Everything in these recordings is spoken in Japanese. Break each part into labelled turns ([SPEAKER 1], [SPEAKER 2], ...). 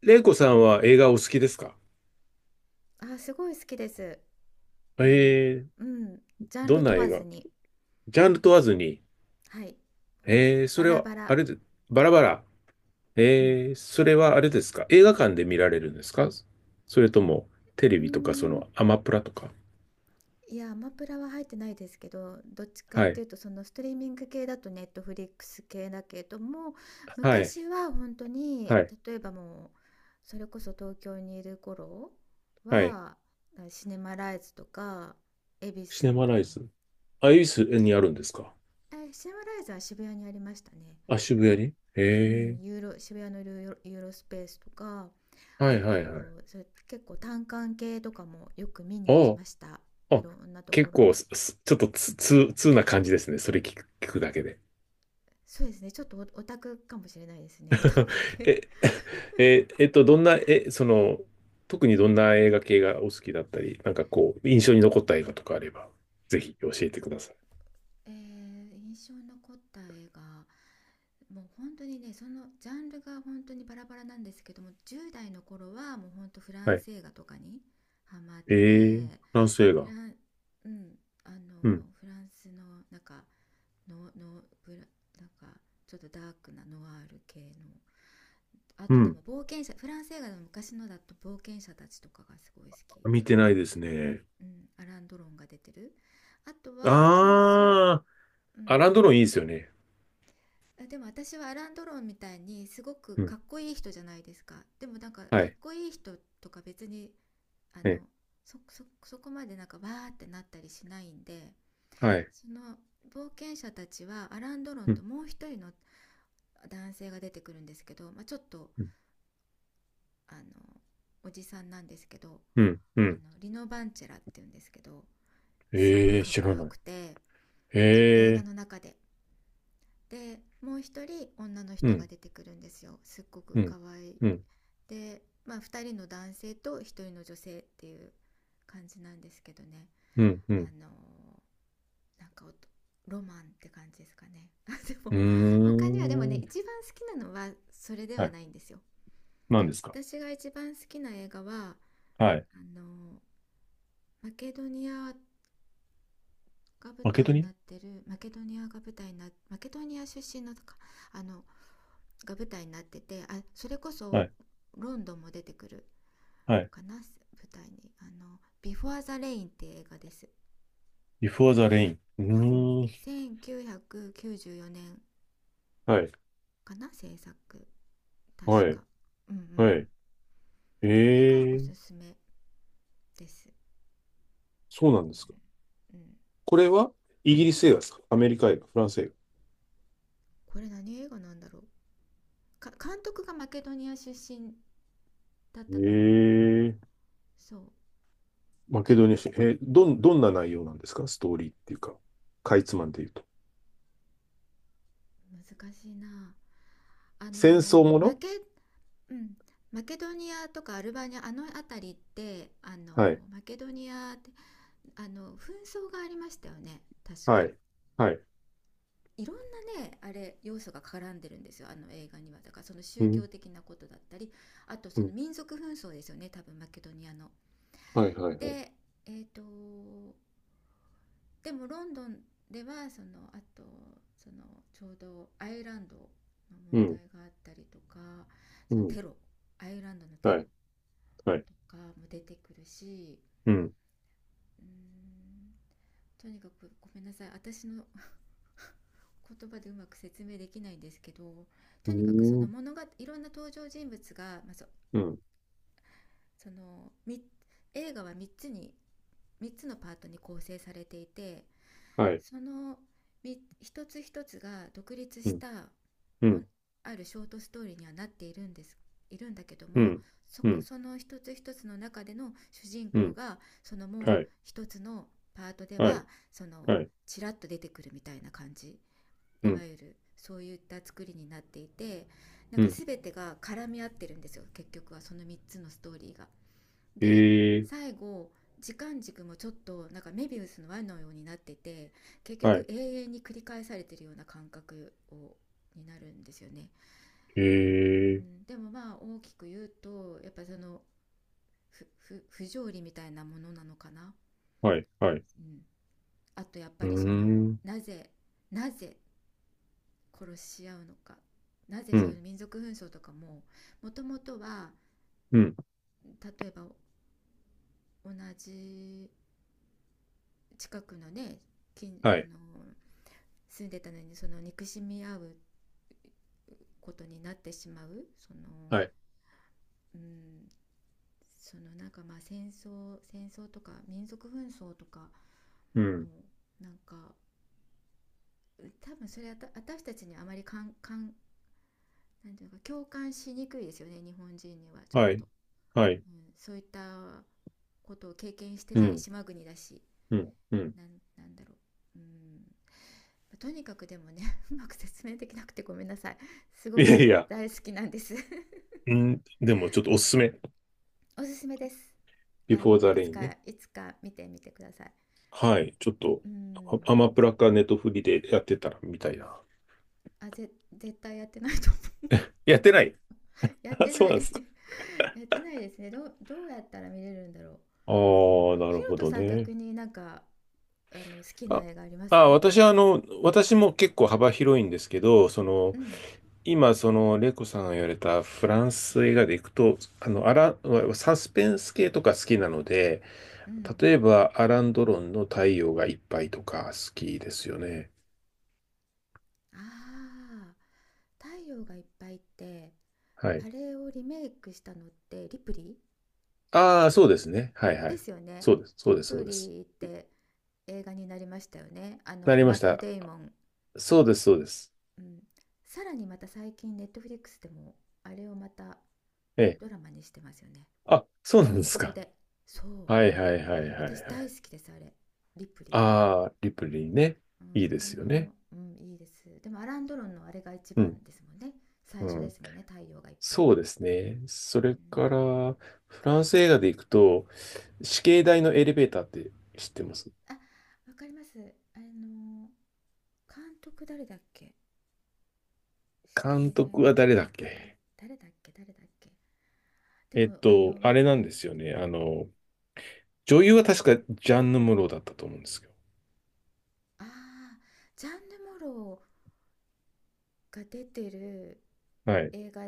[SPEAKER 1] レイコさんは映画お好きですか？
[SPEAKER 2] あ、すごい好きです。も
[SPEAKER 1] えー、
[SPEAKER 2] う、うん、ジャン
[SPEAKER 1] ど
[SPEAKER 2] ル
[SPEAKER 1] んな
[SPEAKER 2] 問
[SPEAKER 1] 映
[SPEAKER 2] わず
[SPEAKER 1] 画
[SPEAKER 2] に、
[SPEAKER 1] ジャンル問わずに。
[SPEAKER 2] はい、もう
[SPEAKER 1] そ
[SPEAKER 2] バ
[SPEAKER 1] れ
[SPEAKER 2] ラ
[SPEAKER 1] は、
[SPEAKER 2] バラ。
[SPEAKER 1] あれで、バラバラ。
[SPEAKER 2] うん。
[SPEAKER 1] それはあれですか？映画館で見られるんですか？それとも、テレ
[SPEAKER 2] うー
[SPEAKER 1] ビとか、
[SPEAKER 2] ん、
[SPEAKER 1] アマプラとか。
[SPEAKER 2] いや、アマプラは入ってないですけど、どっちかっ
[SPEAKER 1] は
[SPEAKER 2] て
[SPEAKER 1] い。
[SPEAKER 2] いうと、そのストリーミング系だとネットフリックス系だけども、
[SPEAKER 1] はい。
[SPEAKER 2] 昔は本当に、
[SPEAKER 1] はい。
[SPEAKER 2] 例えばもう、それこそ東京にいる頃
[SPEAKER 1] はい。
[SPEAKER 2] は、シネマライズとか、恵比
[SPEAKER 1] シ
[SPEAKER 2] 寿
[SPEAKER 1] ネ
[SPEAKER 2] の、
[SPEAKER 1] マ
[SPEAKER 2] うん、
[SPEAKER 1] ライズ。あ、恵比寿
[SPEAKER 2] シ
[SPEAKER 1] にあるんです
[SPEAKER 2] ネ
[SPEAKER 1] か？
[SPEAKER 2] シネマライズは渋谷にありましたね。
[SPEAKER 1] あ、渋谷にえ、
[SPEAKER 2] う
[SPEAKER 1] え
[SPEAKER 2] ん、ユーロ渋谷のユーロスペースとか、
[SPEAKER 1] ー、は
[SPEAKER 2] あ
[SPEAKER 1] いはいはい。
[SPEAKER 2] と、それ結構単館系とかもよく見に行き
[SPEAKER 1] あ
[SPEAKER 2] ました。
[SPEAKER 1] あ、
[SPEAKER 2] い
[SPEAKER 1] あ、
[SPEAKER 2] ろんなとこ
[SPEAKER 1] 結
[SPEAKER 2] ろ
[SPEAKER 1] 構、
[SPEAKER 2] に。
[SPEAKER 1] すすちょっとつ、つ、通な感じですね。それ聞くだけで。
[SPEAKER 2] そうですね、ちょっとオタクかもしれないですね。 オタク 系。
[SPEAKER 1] え、え、どんな、え、その、特にどんな映画系がお好きだったり、なんかこう、印象に残った映画とかあれば、ぜひ教えてください。
[SPEAKER 2] 印象に残った映画。もう本当にね、そのジャンルが本当にバラバラなんですけども、10代の頃はもう本当フラ
[SPEAKER 1] は
[SPEAKER 2] ン
[SPEAKER 1] い。
[SPEAKER 2] ス映画とかにハマっ
[SPEAKER 1] え
[SPEAKER 2] て、
[SPEAKER 1] ー、フランス映
[SPEAKER 2] フラ
[SPEAKER 1] 画。
[SPEAKER 2] ン、うん、あ
[SPEAKER 1] うん。
[SPEAKER 2] の、フランスの、なんか、の、の、ブラ、なんか、ちょっとダークなノワール系の、あ
[SPEAKER 1] う
[SPEAKER 2] とで
[SPEAKER 1] ん。
[SPEAKER 2] も、冒険者、フランス映画の昔のだと冒険者たちとかがすごい好き。
[SPEAKER 1] 見てないですね。
[SPEAKER 2] うん、アラン・ドロンが出てる。あとは、
[SPEAKER 1] あ
[SPEAKER 2] 90、う
[SPEAKER 1] ー、ア
[SPEAKER 2] ん、
[SPEAKER 1] ランドロンいいですよね。
[SPEAKER 2] あ、でも私はアラン・ドロンみたいにすごく
[SPEAKER 1] う
[SPEAKER 2] か
[SPEAKER 1] ん。
[SPEAKER 2] っこいい人じゃないですか。でも、なんか
[SPEAKER 1] は
[SPEAKER 2] かっ
[SPEAKER 1] い。
[SPEAKER 2] こいい人とか別に、あの、
[SPEAKER 1] ね。
[SPEAKER 2] そこまでなんかわーってなったりしないんで、
[SPEAKER 1] はい。
[SPEAKER 2] その冒険者たちはアラン・ドロン
[SPEAKER 1] う
[SPEAKER 2] と
[SPEAKER 1] ん。
[SPEAKER 2] もう一人の男性が出てくるんですけど、まあ、ちょっと
[SPEAKER 1] うん。
[SPEAKER 2] あのおじさんなんですけど、あ
[SPEAKER 1] うん。うん、
[SPEAKER 2] のリノ・バンチェラっていうんですけど、すごい
[SPEAKER 1] えー、
[SPEAKER 2] かっ
[SPEAKER 1] 知
[SPEAKER 2] こ
[SPEAKER 1] ら
[SPEAKER 2] よ
[SPEAKER 1] ない。
[SPEAKER 2] くて、
[SPEAKER 1] え
[SPEAKER 2] その映画
[SPEAKER 1] ー、
[SPEAKER 2] の中で。で、もう一人女の
[SPEAKER 1] う
[SPEAKER 2] 人が
[SPEAKER 1] ん。
[SPEAKER 2] 出てくるんですよ、すっごく
[SPEAKER 1] うん。
[SPEAKER 2] 可愛い。
[SPEAKER 1] うん。
[SPEAKER 2] で、まあ、2人の男性と1人の女性っていう感じなんですけどね。
[SPEAKER 1] うん。う
[SPEAKER 2] あ
[SPEAKER 1] ん。
[SPEAKER 2] の、なんかロマンって感じですかね。 あ、で
[SPEAKER 1] うー
[SPEAKER 2] も他にはでもね、
[SPEAKER 1] ん。
[SPEAKER 2] 一番好きなのはそれで
[SPEAKER 1] は
[SPEAKER 2] は
[SPEAKER 1] い。
[SPEAKER 2] ないんですよ。
[SPEAKER 1] 何ですか？
[SPEAKER 2] 私が一番好きな映画は、
[SPEAKER 1] はい。
[SPEAKER 2] あの、マケドニアが舞
[SPEAKER 1] マケド
[SPEAKER 2] 台にな
[SPEAKER 1] ニ
[SPEAKER 2] ってる、マケドニア出身のとか、あのが舞台になってて、あ、それこ
[SPEAKER 1] ア。は
[SPEAKER 2] そ
[SPEAKER 1] い。
[SPEAKER 2] ロンドンも出てくる
[SPEAKER 1] はい。
[SPEAKER 2] かな、舞台にあの「ビフォアザ・レイン」って映画です。
[SPEAKER 1] Before the Rain。う
[SPEAKER 2] うん、
[SPEAKER 1] ーん。
[SPEAKER 2] 1994年
[SPEAKER 1] はい。
[SPEAKER 2] かな、制作、確
[SPEAKER 1] はい。
[SPEAKER 2] か。うんうん。
[SPEAKER 1] はい。
[SPEAKER 2] これが
[SPEAKER 1] え
[SPEAKER 2] お
[SPEAKER 1] え。
[SPEAKER 2] すすめです。
[SPEAKER 1] そうなんですか。
[SPEAKER 2] うんうん。
[SPEAKER 1] これはイギリス映画ですか？アメリカ映画、フランス映画。
[SPEAKER 2] これ何映画なんだろうか、監督がマケドニア出身だったと思う。
[SPEAKER 1] ええ。
[SPEAKER 2] そう。
[SPEAKER 1] マケドニア史。えー、どんな内容なんですか？ストーリーっていうか、かいつまんで言うと。
[SPEAKER 2] 難しいな。あ
[SPEAKER 1] 戦争
[SPEAKER 2] のー
[SPEAKER 1] も
[SPEAKER 2] マ
[SPEAKER 1] の？
[SPEAKER 2] ケうん。マケドニアとかアルバニアあの辺りって、あの、
[SPEAKER 1] はい。
[SPEAKER 2] マケドニアって、あの紛争がありましたよね、確
[SPEAKER 1] は
[SPEAKER 2] か。
[SPEAKER 1] い。はい。
[SPEAKER 2] いろんなね、あれ、要素が絡んでるんですよ、あの映画には。だから、その
[SPEAKER 1] う
[SPEAKER 2] 宗
[SPEAKER 1] ん。
[SPEAKER 2] 教的なことだったり、あと、
[SPEAKER 1] う
[SPEAKER 2] その
[SPEAKER 1] ん。
[SPEAKER 2] 民族紛争ですよね、多分マケドニアの。
[SPEAKER 1] はい。はい。はい。
[SPEAKER 2] で、えっ、とでも、ロンドンではそのあと、その、ちょうどアイルランドの
[SPEAKER 1] う
[SPEAKER 2] 問
[SPEAKER 1] ん。
[SPEAKER 2] 題があったりとか、
[SPEAKER 1] う
[SPEAKER 2] その
[SPEAKER 1] ん。
[SPEAKER 2] テロ、アイルランドのテ
[SPEAKER 1] は
[SPEAKER 2] ロ
[SPEAKER 1] い。はい。
[SPEAKER 2] とかも出てくるし、
[SPEAKER 1] うん。
[SPEAKER 2] うーんとにかくごめんなさい、私の言葉でうまく説明できないんですけど、
[SPEAKER 1] う
[SPEAKER 2] とにかく、そ
[SPEAKER 1] ー
[SPEAKER 2] の
[SPEAKER 1] ん。
[SPEAKER 2] 物がいろんな登場人物が、まあ、
[SPEAKER 1] うん。
[SPEAKER 2] その映画は3つに、3つのパートに構成されていて、
[SPEAKER 1] はい。
[SPEAKER 2] その一つ一つが独立
[SPEAKER 1] う
[SPEAKER 2] し
[SPEAKER 1] ん。
[SPEAKER 2] た
[SPEAKER 1] うん。
[SPEAKER 2] あるショートストーリーにはなっているんです、いるんだけど
[SPEAKER 1] う
[SPEAKER 2] も、
[SPEAKER 1] ん。うん。
[SPEAKER 2] その一つ一つの中での主人
[SPEAKER 1] う
[SPEAKER 2] 公
[SPEAKER 1] ん。
[SPEAKER 2] が、そのもう
[SPEAKER 1] はい。
[SPEAKER 2] 一つのパートで
[SPEAKER 1] はい。
[SPEAKER 2] は、その
[SPEAKER 1] はい。
[SPEAKER 2] ちらっと出てくるみたいな感じ、
[SPEAKER 1] う
[SPEAKER 2] いわ
[SPEAKER 1] ん。
[SPEAKER 2] ゆるそういった作りになっていて、なん
[SPEAKER 1] う
[SPEAKER 2] か
[SPEAKER 1] ん。
[SPEAKER 2] 全てが絡み合ってるんですよ、結局はその3つのストーリーが。で、
[SPEAKER 1] ええ。
[SPEAKER 2] 最後、時間軸もちょっとなんかメビウスの輪のようになってて、結
[SPEAKER 1] は
[SPEAKER 2] 局
[SPEAKER 1] い。
[SPEAKER 2] 永遠に繰り返されてるような感覚になるんですよね。
[SPEAKER 1] へ
[SPEAKER 2] う
[SPEAKER 1] え、
[SPEAKER 2] ん、でもまあ大きく言うとやっぱその、不条理みたいなものなのかな。
[SPEAKER 1] はい、はい。
[SPEAKER 2] うん、あとやっぱ
[SPEAKER 1] うー
[SPEAKER 2] りその、
[SPEAKER 1] ん、
[SPEAKER 2] なぜ殺し合うのか、なぜ
[SPEAKER 1] う
[SPEAKER 2] そうい
[SPEAKER 1] ん、
[SPEAKER 2] う民族紛争とかも、もともとは
[SPEAKER 1] うん、
[SPEAKER 2] 例えば同じ近くのね、近
[SPEAKER 1] は
[SPEAKER 2] あ
[SPEAKER 1] い、
[SPEAKER 2] の住んでたのにその憎しみ合うことになってしまう、その、
[SPEAKER 1] はい、
[SPEAKER 2] うん、その、なんかまあ戦争とか民族紛争とか
[SPEAKER 1] う
[SPEAKER 2] の、
[SPEAKER 1] ん、
[SPEAKER 2] なんか多分それは私たちにあまりかんかんなんていうか共感しにくいですよね、日本人にはちょっ
[SPEAKER 1] はい、
[SPEAKER 2] と、
[SPEAKER 1] はい、
[SPEAKER 2] うん、そういったことを経験して
[SPEAKER 1] う
[SPEAKER 2] ない
[SPEAKER 1] ん、
[SPEAKER 2] 島国だし、
[SPEAKER 1] うん、うん。
[SPEAKER 2] なんなんだろう。とにかくでもね、 うまく説明できなくてごめんなさい。す
[SPEAKER 1] い
[SPEAKER 2] ご
[SPEAKER 1] やい
[SPEAKER 2] く
[SPEAKER 1] や、
[SPEAKER 2] 大好きなんです。
[SPEAKER 1] うん、でもちょっとおすすめ。
[SPEAKER 2] おすすめです。あ
[SPEAKER 1] Before
[SPEAKER 2] の、
[SPEAKER 1] the
[SPEAKER 2] いつ
[SPEAKER 1] Rain
[SPEAKER 2] か
[SPEAKER 1] ね。
[SPEAKER 2] いつか見てみてください。
[SPEAKER 1] はい、ちょっと、
[SPEAKER 2] うー
[SPEAKER 1] ア
[SPEAKER 2] ん。
[SPEAKER 1] アマプラかネットフリでやってたらみたいな。
[SPEAKER 2] 絶対やってないと思う。
[SPEAKER 1] やってない？
[SPEAKER 2] やっ
[SPEAKER 1] あ、
[SPEAKER 2] て
[SPEAKER 1] そう
[SPEAKER 2] な
[SPEAKER 1] なんですか。
[SPEAKER 2] い。 やってないですね。どうやったら見れるんだろ
[SPEAKER 1] あ
[SPEAKER 2] う。うん、
[SPEAKER 1] あ、な
[SPEAKER 2] ひ
[SPEAKER 1] る
[SPEAKER 2] ろ
[SPEAKER 1] ほ
[SPEAKER 2] と
[SPEAKER 1] ど
[SPEAKER 2] さん、
[SPEAKER 1] ね。
[SPEAKER 2] 逆になんか、あの、好きな
[SPEAKER 1] あ、
[SPEAKER 2] 映画あります？
[SPEAKER 1] 私はあの、私も結構幅広いんですけど、
[SPEAKER 2] うん
[SPEAKER 1] 今、その、レイコさんが言われたフランス映画でいくと、あの、アラン、サスペンス系とか好きなので、
[SPEAKER 2] うん。
[SPEAKER 1] 例えば、アラン・ドロンの太陽がいっぱいとか好きですよね。
[SPEAKER 2] ああ、太陽がいっぱいって、
[SPEAKER 1] は
[SPEAKER 2] あ
[SPEAKER 1] い。
[SPEAKER 2] れをリメイクしたのってリプリ
[SPEAKER 1] ああ、そうですね。はいは
[SPEAKER 2] ーで
[SPEAKER 1] い。
[SPEAKER 2] すよね。
[SPEAKER 1] そうです、そ
[SPEAKER 2] リ
[SPEAKER 1] うです、そ
[SPEAKER 2] プ
[SPEAKER 1] うです。
[SPEAKER 2] リーって映画になりましたよね。あ
[SPEAKER 1] な
[SPEAKER 2] の、
[SPEAKER 1] りま
[SPEAKER 2] マッ
[SPEAKER 1] し
[SPEAKER 2] ト・
[SPEAKER 1] た。
[SPEAKER 2] デイモン。
[SPEAKER 1] そうです、そうです。
[SPEAKER 2] うん。さらにまた最近ネットフリックスでも、あれをまた
[SPEAKER 1] ええ。
[SPEAKER 2] ドラマにしてますよね。
[SPEAKER 1] あ、そう
[SPEAKER 2] モ
[SPEAKER 1] なんで
[SPEAKER 2] ノク
[SPEAKER 1] す
[SPEAKER 2] ロ
[SPEAKER 1] か。
[SPEAKER 2] で。そう。
[SPEAKER 1] はいはいはいはいは
[SPEAKER 2] 私大
[SPEAKER 1] い。
[SPEAKER 2] 好きです、あれ。リプリーが。
[SPEAKER 1] ああ、リプレイね。
[SPEAKER 2] う
[SPEAKER 1] いい
[SPEAKER 2] ん、
[SPEAKER 1] で
[SPEAKER 2] あ
[SPEAKER 1] すよね。
[SPEAKER 2] の、うん、いいです。でもアランドロンのあれが一
[SPEAKER 1] うん、
[SPEAKER 2] 番ですもんね。最
[SPEAKER 1] う
[SPEAKER 2] 初で
[SPEAKER 1] ん。
[SPEAKER 2] すもんね、太陽がいっぱい。
[SPEAKER 1] そうですね。それ
[SPEAKER 2] う
[SPEAKER 1] か
[SPEAKER 2] ん、
[SPEAKER 1] ら、フランス映画でいくと、死刑台のエレベーターって知ってます？
[SPEAKER 2] あ、わかります。あの、監督誰だっけ、死
[SPEAKER 1] 監
[SPEAKER 2] 刑台
[SPEAKER 1] 督
[SPEAKER 2] の
[SPEAKER 1] は
[SPEAKER 2] エレ
[SPEAKER 1] 誰だ
[SPEAKER 2] ベー
[SPEAKER 1] っ
[SPEAKER 2] ター、
[SPEAKER 1] け？
[SPEAKER 2] 誰だっけ。でも、あの、若
[SPEAKER 1] あれなん
[SPEAKER 2] い、
[SPEAKER 1] ですよね。あの、女優は確かジャンヌ・ムロだったと思うんですけど。
[SPEAKER 2] ああ、ジャンヌ・モローが出てる
[SPEAKER 1] はい。う
[SPEAKER 2] 映画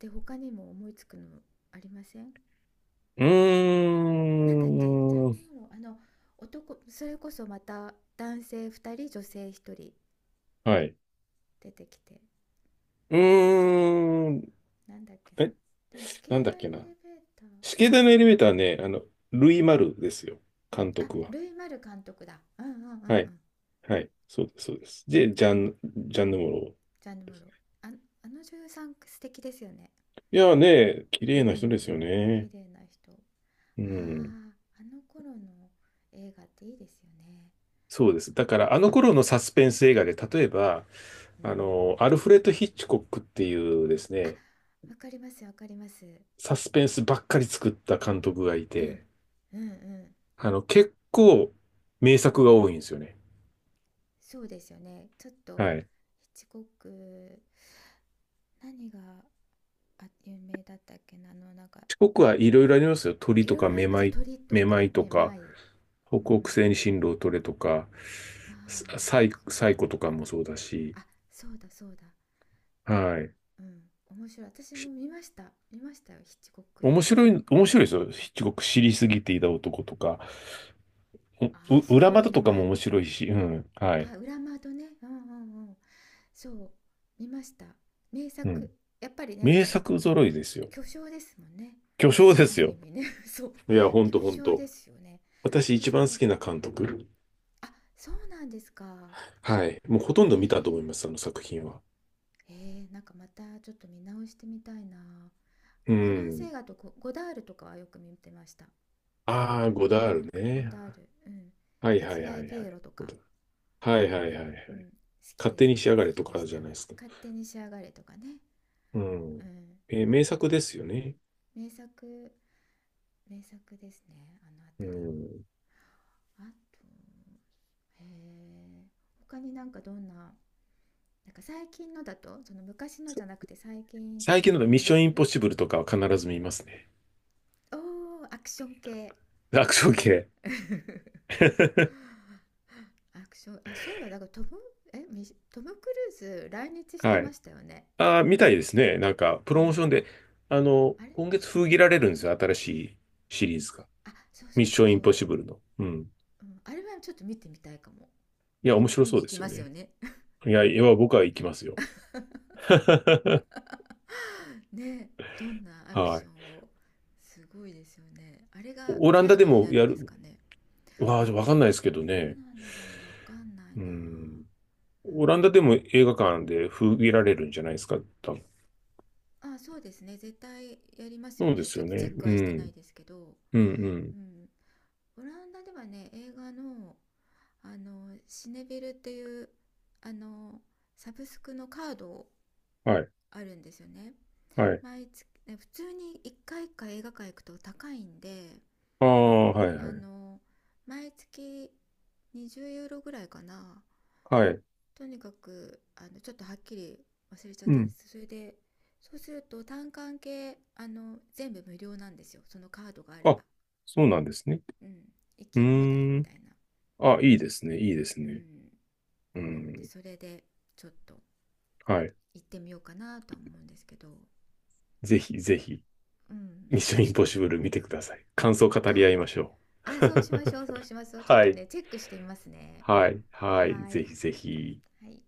[SPEAKER 2] で他にも思いつくのありません？
[SPEAKER 1] ー
[SPEAKER 2] なんだっけ、ジャン
[SPEAKER 1] ん。は
[SPEAKER 2] ヌ・モロー、あの男、それこそまた男性2人女性1人
[SPEAKER 1] い。
[SPEAKER 2] 出てきて、
[SPEAKER 1] う
[SPEAKER 2] じ
[SPEAKER 1] ーん。
[SPEAKER 2] なんだっけな。
[SPEAKER 1] え、
[SPEAKER 2] でも死刑
[SPEAKER 1] なんだっ
[SPEAKER 2] 台
[SPEAKER 1] け
[SPEAKER 2] のエ
[SPEAKER 1] な。
[SPEAKER 2] レベー
[SPEAKER 1] 死刑台のエレベーターはね、あの、ルイ・マルですよ。監
[SPEAKER 2] ター、あ、
[SPEAKER 1] 督は。
[SPEAKER 2] ルイ・マル監督だ。うん、うん、うん、うん、うん、う
[SPEAKER 1] はい。
[SPEAKER 2] ん、
[SPEAKER 1] はい。そうです、そうです。
[SPEAKER 2] うん。
[SPEAKER 1] で、ジャンヌ・ムロ
[SPEAKER 2] ジャンヌ・
[SPEAKER 1] で
[SPEAKER 2] モロ
[SPEAKER 1] すね。
[SPEAKER 2] ー。ああ、の女優さん素敵ですよね。
[SPEAKER 1] いやーね、綺
[SPEAKER 2] う
[SPEAKER 1] 麗な人です
[SPEAKER 2] ん、
[SPEAKER 1] よ
[SPEAKER 2] 綺
[SPEAKER 1] ね。
[SPEAKER 2] 麗な人。あ
[SPEAKER 1] う
[SPEAKER 2] あ、
[SPEAKER 1] ん。
[SPEAKER 2] あの頃の映画っていいですよね、
[SPEAKER 1] そうです。だか
[SPEAKER 2] な
[SPEAKER 1] ら、あの
[SPEAKER 2] んか、
[SPEAKER 1] 頃のサスペンス映画で、例えば、
[SPEAKER 2] うん、うん
[SPEAKER 1] あ
[SPEAKER 2] うん。
[SPEAKER 1] の、アルフレッド・ヒッチコックっていうです
[SPEAKER 2] あ、
[SPEAKER 1] ね、
[SPEAKER 2] わかります、わかります。
[SPEAKER 1] サスペンスばっかり作った監督がい
[SPEAKER 2] うん
[SPEAKER 1] て、
[SPEAKER 2] うん。うん、
[SPEAKER 1] あの、結構名作が多いんですよね。
[SPEAKER 2] そうですよね、ちょっと
[SPEAKER 1] はい。ヒッ
[SPEAKER 2] ヒッチコック、何が、あ、有名だったっけな、あの、なんか、
[SPEAKER 1] チコックはいろいろありますよ。鳥
[SPEAKER 2] い
[SPEAKER 1] と
[SPEAKER 2] ろい
[SPEAKER 1] か
[SPEAKER 2] ろあり
[SPEAKER 1] め
[SPEAKER 2] ます
[SPEAKER 1] ま
[SPEAKER 2] よ、
[SPEAKER 1] い、
[SPEAKER 2] 鳥と
[SPEAKER 1] めま
[SPEAKER 2] か
[SPEAKER 1] いと
[SPEAKER 2] め
[SPEAKER 1] か、
[SPEAKER 2] まい。うん
[SPEAKER 1] 北
[SPEAKER 2] う
[SPEAKER 1] 北
[SPEAKER 2] んう
[SPEAKER 1] 西に
[SPEAKER 2] ん
[SPEAKER 1] 進路を取れとか、
[SPEAKER 2] うん。ああ、そうそう。
[SPEAKER 1] サイコとかもそうだし、
[SPEAKER 2] あ、そうだそうだ。
[SPEAKER 1] はい。
[SPEAKER 2] うん、面白い、私も
[SPEAKER 1] し、
[SPEAKER 2] 見ました、見ましたよヒッチコック。
[SPEAKER 1] 面白い、面白いですよ。ヒッチコック知りすぎていた男とか、
[SPEAKER 2] ああ、す
[SPEAKER 1] 裏
[SPEAKER 2] ごい
[SPEAKER 1] 窓
[SPEAKER 2] 名
[SPEAKER 1] とかも
[SPEAKER 2] 前。
[SPEAKER 1] 面白いし、うん。はい。
[SPEAKER 2] あ、裏窓ね。うんうんうん。そう、見ました。名
[SPEAKER 1] う
[SPEAKER 2] 作。
[SPEAKER 1] ん。
[SPEAKER 2] やっぱりね、
[SPEAKER 1] 名作揃いですよ。
[SPEAKER 2] 巨匠ですもんね。
[SPEAKER 1] 巨匠で
[SPEAKER 2] あ
[SPEAKER 1] す
[SPEAKER 2] る意
[SPEAKER 1] よ。
[SPEAKER 2] 味ね。そう。
[SPEAKER 1] いや、ほんと
[SPEAKER 2] 巨
[SPEAKER 1] ほん
[SPEAKER 2] 匠
[SPEAKER 1] と。
[SPEAKER 2] ですよね。
[SPEAKER 1] 私一
[SPEAKER 2] 私
[SPEAKER 1] 番好
[SPEAKER 2] も、
[SPEAKER 1] きな監督。
[SPEAKER 2] あ、そうなんですか。
[SPEAKER 1] はい。もうほとんど
[SPEAKER 2] へ
[SPEAKER 1] 見たと思い
[SPEAKER 2] え。
[SPEAKER 1] ます、あの作品は。
[SPEAKER 2] へえ、なんかまたちょっと見直してみたいな。
[SPEAKER 1] う
[SPEAKER 2] フランス
[SPEAKER 1] ん。
[SPEAKER 2] 映画と、ゴダールとかはよく見てました。
[SPEAKER 1] ああ、ゴダ
[SPEAKER 2] 残
[SPEAKER 1] ール
[SPEAKER 2] 力ゴ
[SPEAKER 1] ね。
[SPEAKER 2] ダール。うん。
[SPEAKER 1] はい
[SPEAKER 2] キ
[SPEAKER 1] は
[SPEAKER 2] チ
[SPEAKER 1] い
[SPEAKER 2] ガ
[SPEAKER 1] は
[SPEAKER 2] エ
[SPEAKER 1] い
[SPEAKER 2] ピ
[SPEAKER 1] は
[SPEAKER 2] エロ
[SPEAKER 1] い。
[SPEAKER 2] と
[SPEAKER 1] ゴ
[SPEAKER 2] か。
[SPEAKER 1] ダール、はいはいはいは
[SPEAKER 2] う
[SPEAKER 1] い。
[SPEAKER 2] ん。好き
[SPEAKER 1] 勝
[SPEAKER 2] で
[SPEAKER 1] 手
[SPEAKER 2] す。
[SPEAKER 1] に
[SPEAKER 2] 好
[SPEAKER 1] 仕上がれ
[SPEAKER 2] き
[SPEAKER 1] と
[SPEAKER 2] でし
[SPEAKER 1] かじ
[SPEAKER 2] た。
[SPEAKER 1] ゃないですか。
[SPEAKER 2] 勝手に仕上がれとかね。
[SPEAKER 1] うん。
[SPEAKER 2] うん。
[SPEAKER 1] えー、
[SPEAKER 2] やっ
[SPEAKER 1] 名
[SPEAKER 2] ぱり
[SPEAKER 1] 作ですよね。
[SPEAKER 2] 名作、名作ですね、あのあた
[SPEAKER 1] う
[SPEAKER 2] り。
[SPEAKER 1] ん。
[SPEAKER 2] あと、へえ、他になんか、どんななんか最近のだと、その昔の
[SPEAKER 1] さ、
[SPEAKER 2] じゃなくて最近と
[SPEAKER 1] 最
[SPEAKER 2] かっ
[SPEAKER 1] 近
[SPEAKER 2] てあ
[SPEAKER 1] の
[SPEAKER 2] り
[SPEAKER 1] ミッ
[SPEAKER 2] ま
[SPEAKER 1] ション
[SPEAKER 2] す？
[SPEAKER 1] インポッシブルとかは必ず見ますね。
[SPEAKER 2] おー、アクション系。
[SPEAKER 1] アクション系。
[SPEAKER 2] アクション、あ、そういえばだから、トムえミシトム・クルーズ来日して
[SPEAKER 1] は
[SPEAKER 2] ま
[SPEAKER 1] い。
[SPEAKER 2] したよね。
[SPEAKER 1] ああ、みたいですね。なんか、プロモー
[SPEAKER 2] ね。
[SPEAKER 1] ションで、あの、
[SPEAKER 2] あれ、
[SPEAKER 1] 今月封切られるんですよ。新しいシリーズが。
[SPEAKER 2] あ、そう
[SPEAKER 1] ミ
[SPEAKER 2] そ
[SPEAKER 1] ッ
[SPEAKER 2] う
[SPEAKER 1] シ
[SPEAKER 2] そ
[SPEAKER 1] ョ
[SPEAKER 2] う
[SPEAKER 1] ンイ
[SPEAKER 2] そ
[SPEAKER 1] ンポッ
[SPEAKER 2] う、
[SPEAKER 1] シブルの。うん。
[SPEAKER 2] うん、あれはちょっと見てみたいかも。
[SPEAKER 1] いや、面白
[SPEAKER 2] 見
[SPEAKER 1] そ
[SPEAKER 2] に
[SPEAKER 1] う
[SPEAKER 2] 行
[SPEAKER 1] で
[SPEAKER 2] き
[SPEAKER 1] す
[SPEAKER 2] ま
[SPEAKER 1] よ
[SPEAKER 2] すよ
[SPEAKER 1] ね。
[SPEAKER 2] ね。
[SPEAKER 1] いや、いや、僕は行きますよ。
[SPEAKER 2] ね、どんなアク
[SPEAKER 1] は
[SPEAKER 2] ショ
[SPEAKER 1] い。
[SPEAKER 2] ンを、すごいですよね。あれが
[SPEAKER 1] オラン
[SPEAKER 2] 最
[SPEAKER 1] ダで
[SPEAKER 2] 後に
[SPEAKER 1] も
[SPEAKER 2] なる
[SPEAKER 1] や
[SPEAKER 2] んです
[SPEAKER 1] る、
[SPEAKER 2] かね。
[SPEAKER 1] わあ、
[SPEAKER 2] あ、
[SPEAKER 1] わかんないですけど
[SPEAKER 2] ど
[SPEAKER 1] ね。
[SPEAKER 2] うなんだろう、わかんない
[SPEAKER 1] う
[SPEAKER 2] な。
[SPEAKER 1] ん。
[SPEAKER 2] う
[SPEAKER 1] オランダで
[SPEAKER 2] ん。
[SPEAKER 1] も映画館で封切られるんじゃないですか、多分。
[SPEAKER 2] あ、そうですね、絶対やりますよ
[SPEAKER 1] そうで
[SPEAKER 2] ね。ち
[SPEAKER 1] す
[SPEAKER 2] ょっ
[SPEAKER 1] よ
[SPEAKER 2] とチェ
[SPEAKER 1] ね。
[SPEAKER 2] ック
[SPEAKER 1] う
[SPEAKER 2] はしてな
[SPEAKER 1] ん。
[SPEAKER 2] いですけど、
[SPEAKER 1] うん、うん。
[SPEAKER 2] うん。オランダではね、映画の、あの、シネベルっていう、あの、サブスクのカード
[SPEAKER 1] はい。
[SPEAKER 2] あるんですよね。
[SPEAKER 1] はい。
[SPEAKER 2] 毎月、ね、普通に一回か、映画館行くと高いんで、
[SPEAKER 1] ああ、はい、は
[SPEAKER 2] あ
[SPEAKER 1] い。
[SPEAKER 2] の毎月20ユーロぐらいかな、
[SPEAKER 1] はい。
[SPEAKER 2] とにかくあのちょっとはっきり忘れちゃっ
[SPEAKER 1] う
[SPEAKER 2] たんで
[SPEAKER 1] ん。
[SPEAKER 2] す。それで、そうすると単管系、あの全部無料なんですよ、そのカードがあれ
[SPEAKER 1] あ、
[SPEAKER 2] ば。
[SPEAKER 1] そうなんですね。
[SPEAKER 2] うん、行
[SPEAKER 1] う
[SPEAKER 2] き放題
[SPEAKER 1] ー
[SPEAKER 2] み
[SPEAKER 1] ん。
[SPEAKER 2] たいな。
[SPEAKER 1] あ、いいですね、いいです
[SPEAKER 2] う
[SPEAKER 1] ね。
[SPEAKER 2] ん。
[SPEAKER 1] う
[SPEAKER 2] なので
[SPEAKER 1] ん。
[SPEAKER 2] それでちょっと
[SPEAKER 1] はい。
[SPEAKER 2] 行ってみようかなとは思うんですけど、
[SPEAKER 1] ぜひ、ぜひ、
[SPEAKER 2] うん。
[SPEAKER 1] ミッションインポッシブル見てください。感想を語り
[SPEAKER 2] あ
[SPEAKER 1] 合いましょ
[SPEAKER 2] あ、そうしま
[SPEAKER 1] う。
[SPEAKER 2] しょうそうしま す、ちょっ
[SPEAKER 1] は
[SPEAKER 2] と
[SPEAKER 1] い。
[SPEAKER 2] ねチェックしてみますね。
[SPEAKER 1] はい。はい。
[SPEAKER 2] は
[SPEAKER 1] ぜ
[SPEAKER 2] い、
[SPEAKER 1] ひぜひ。
[SPEAKER 2] はい。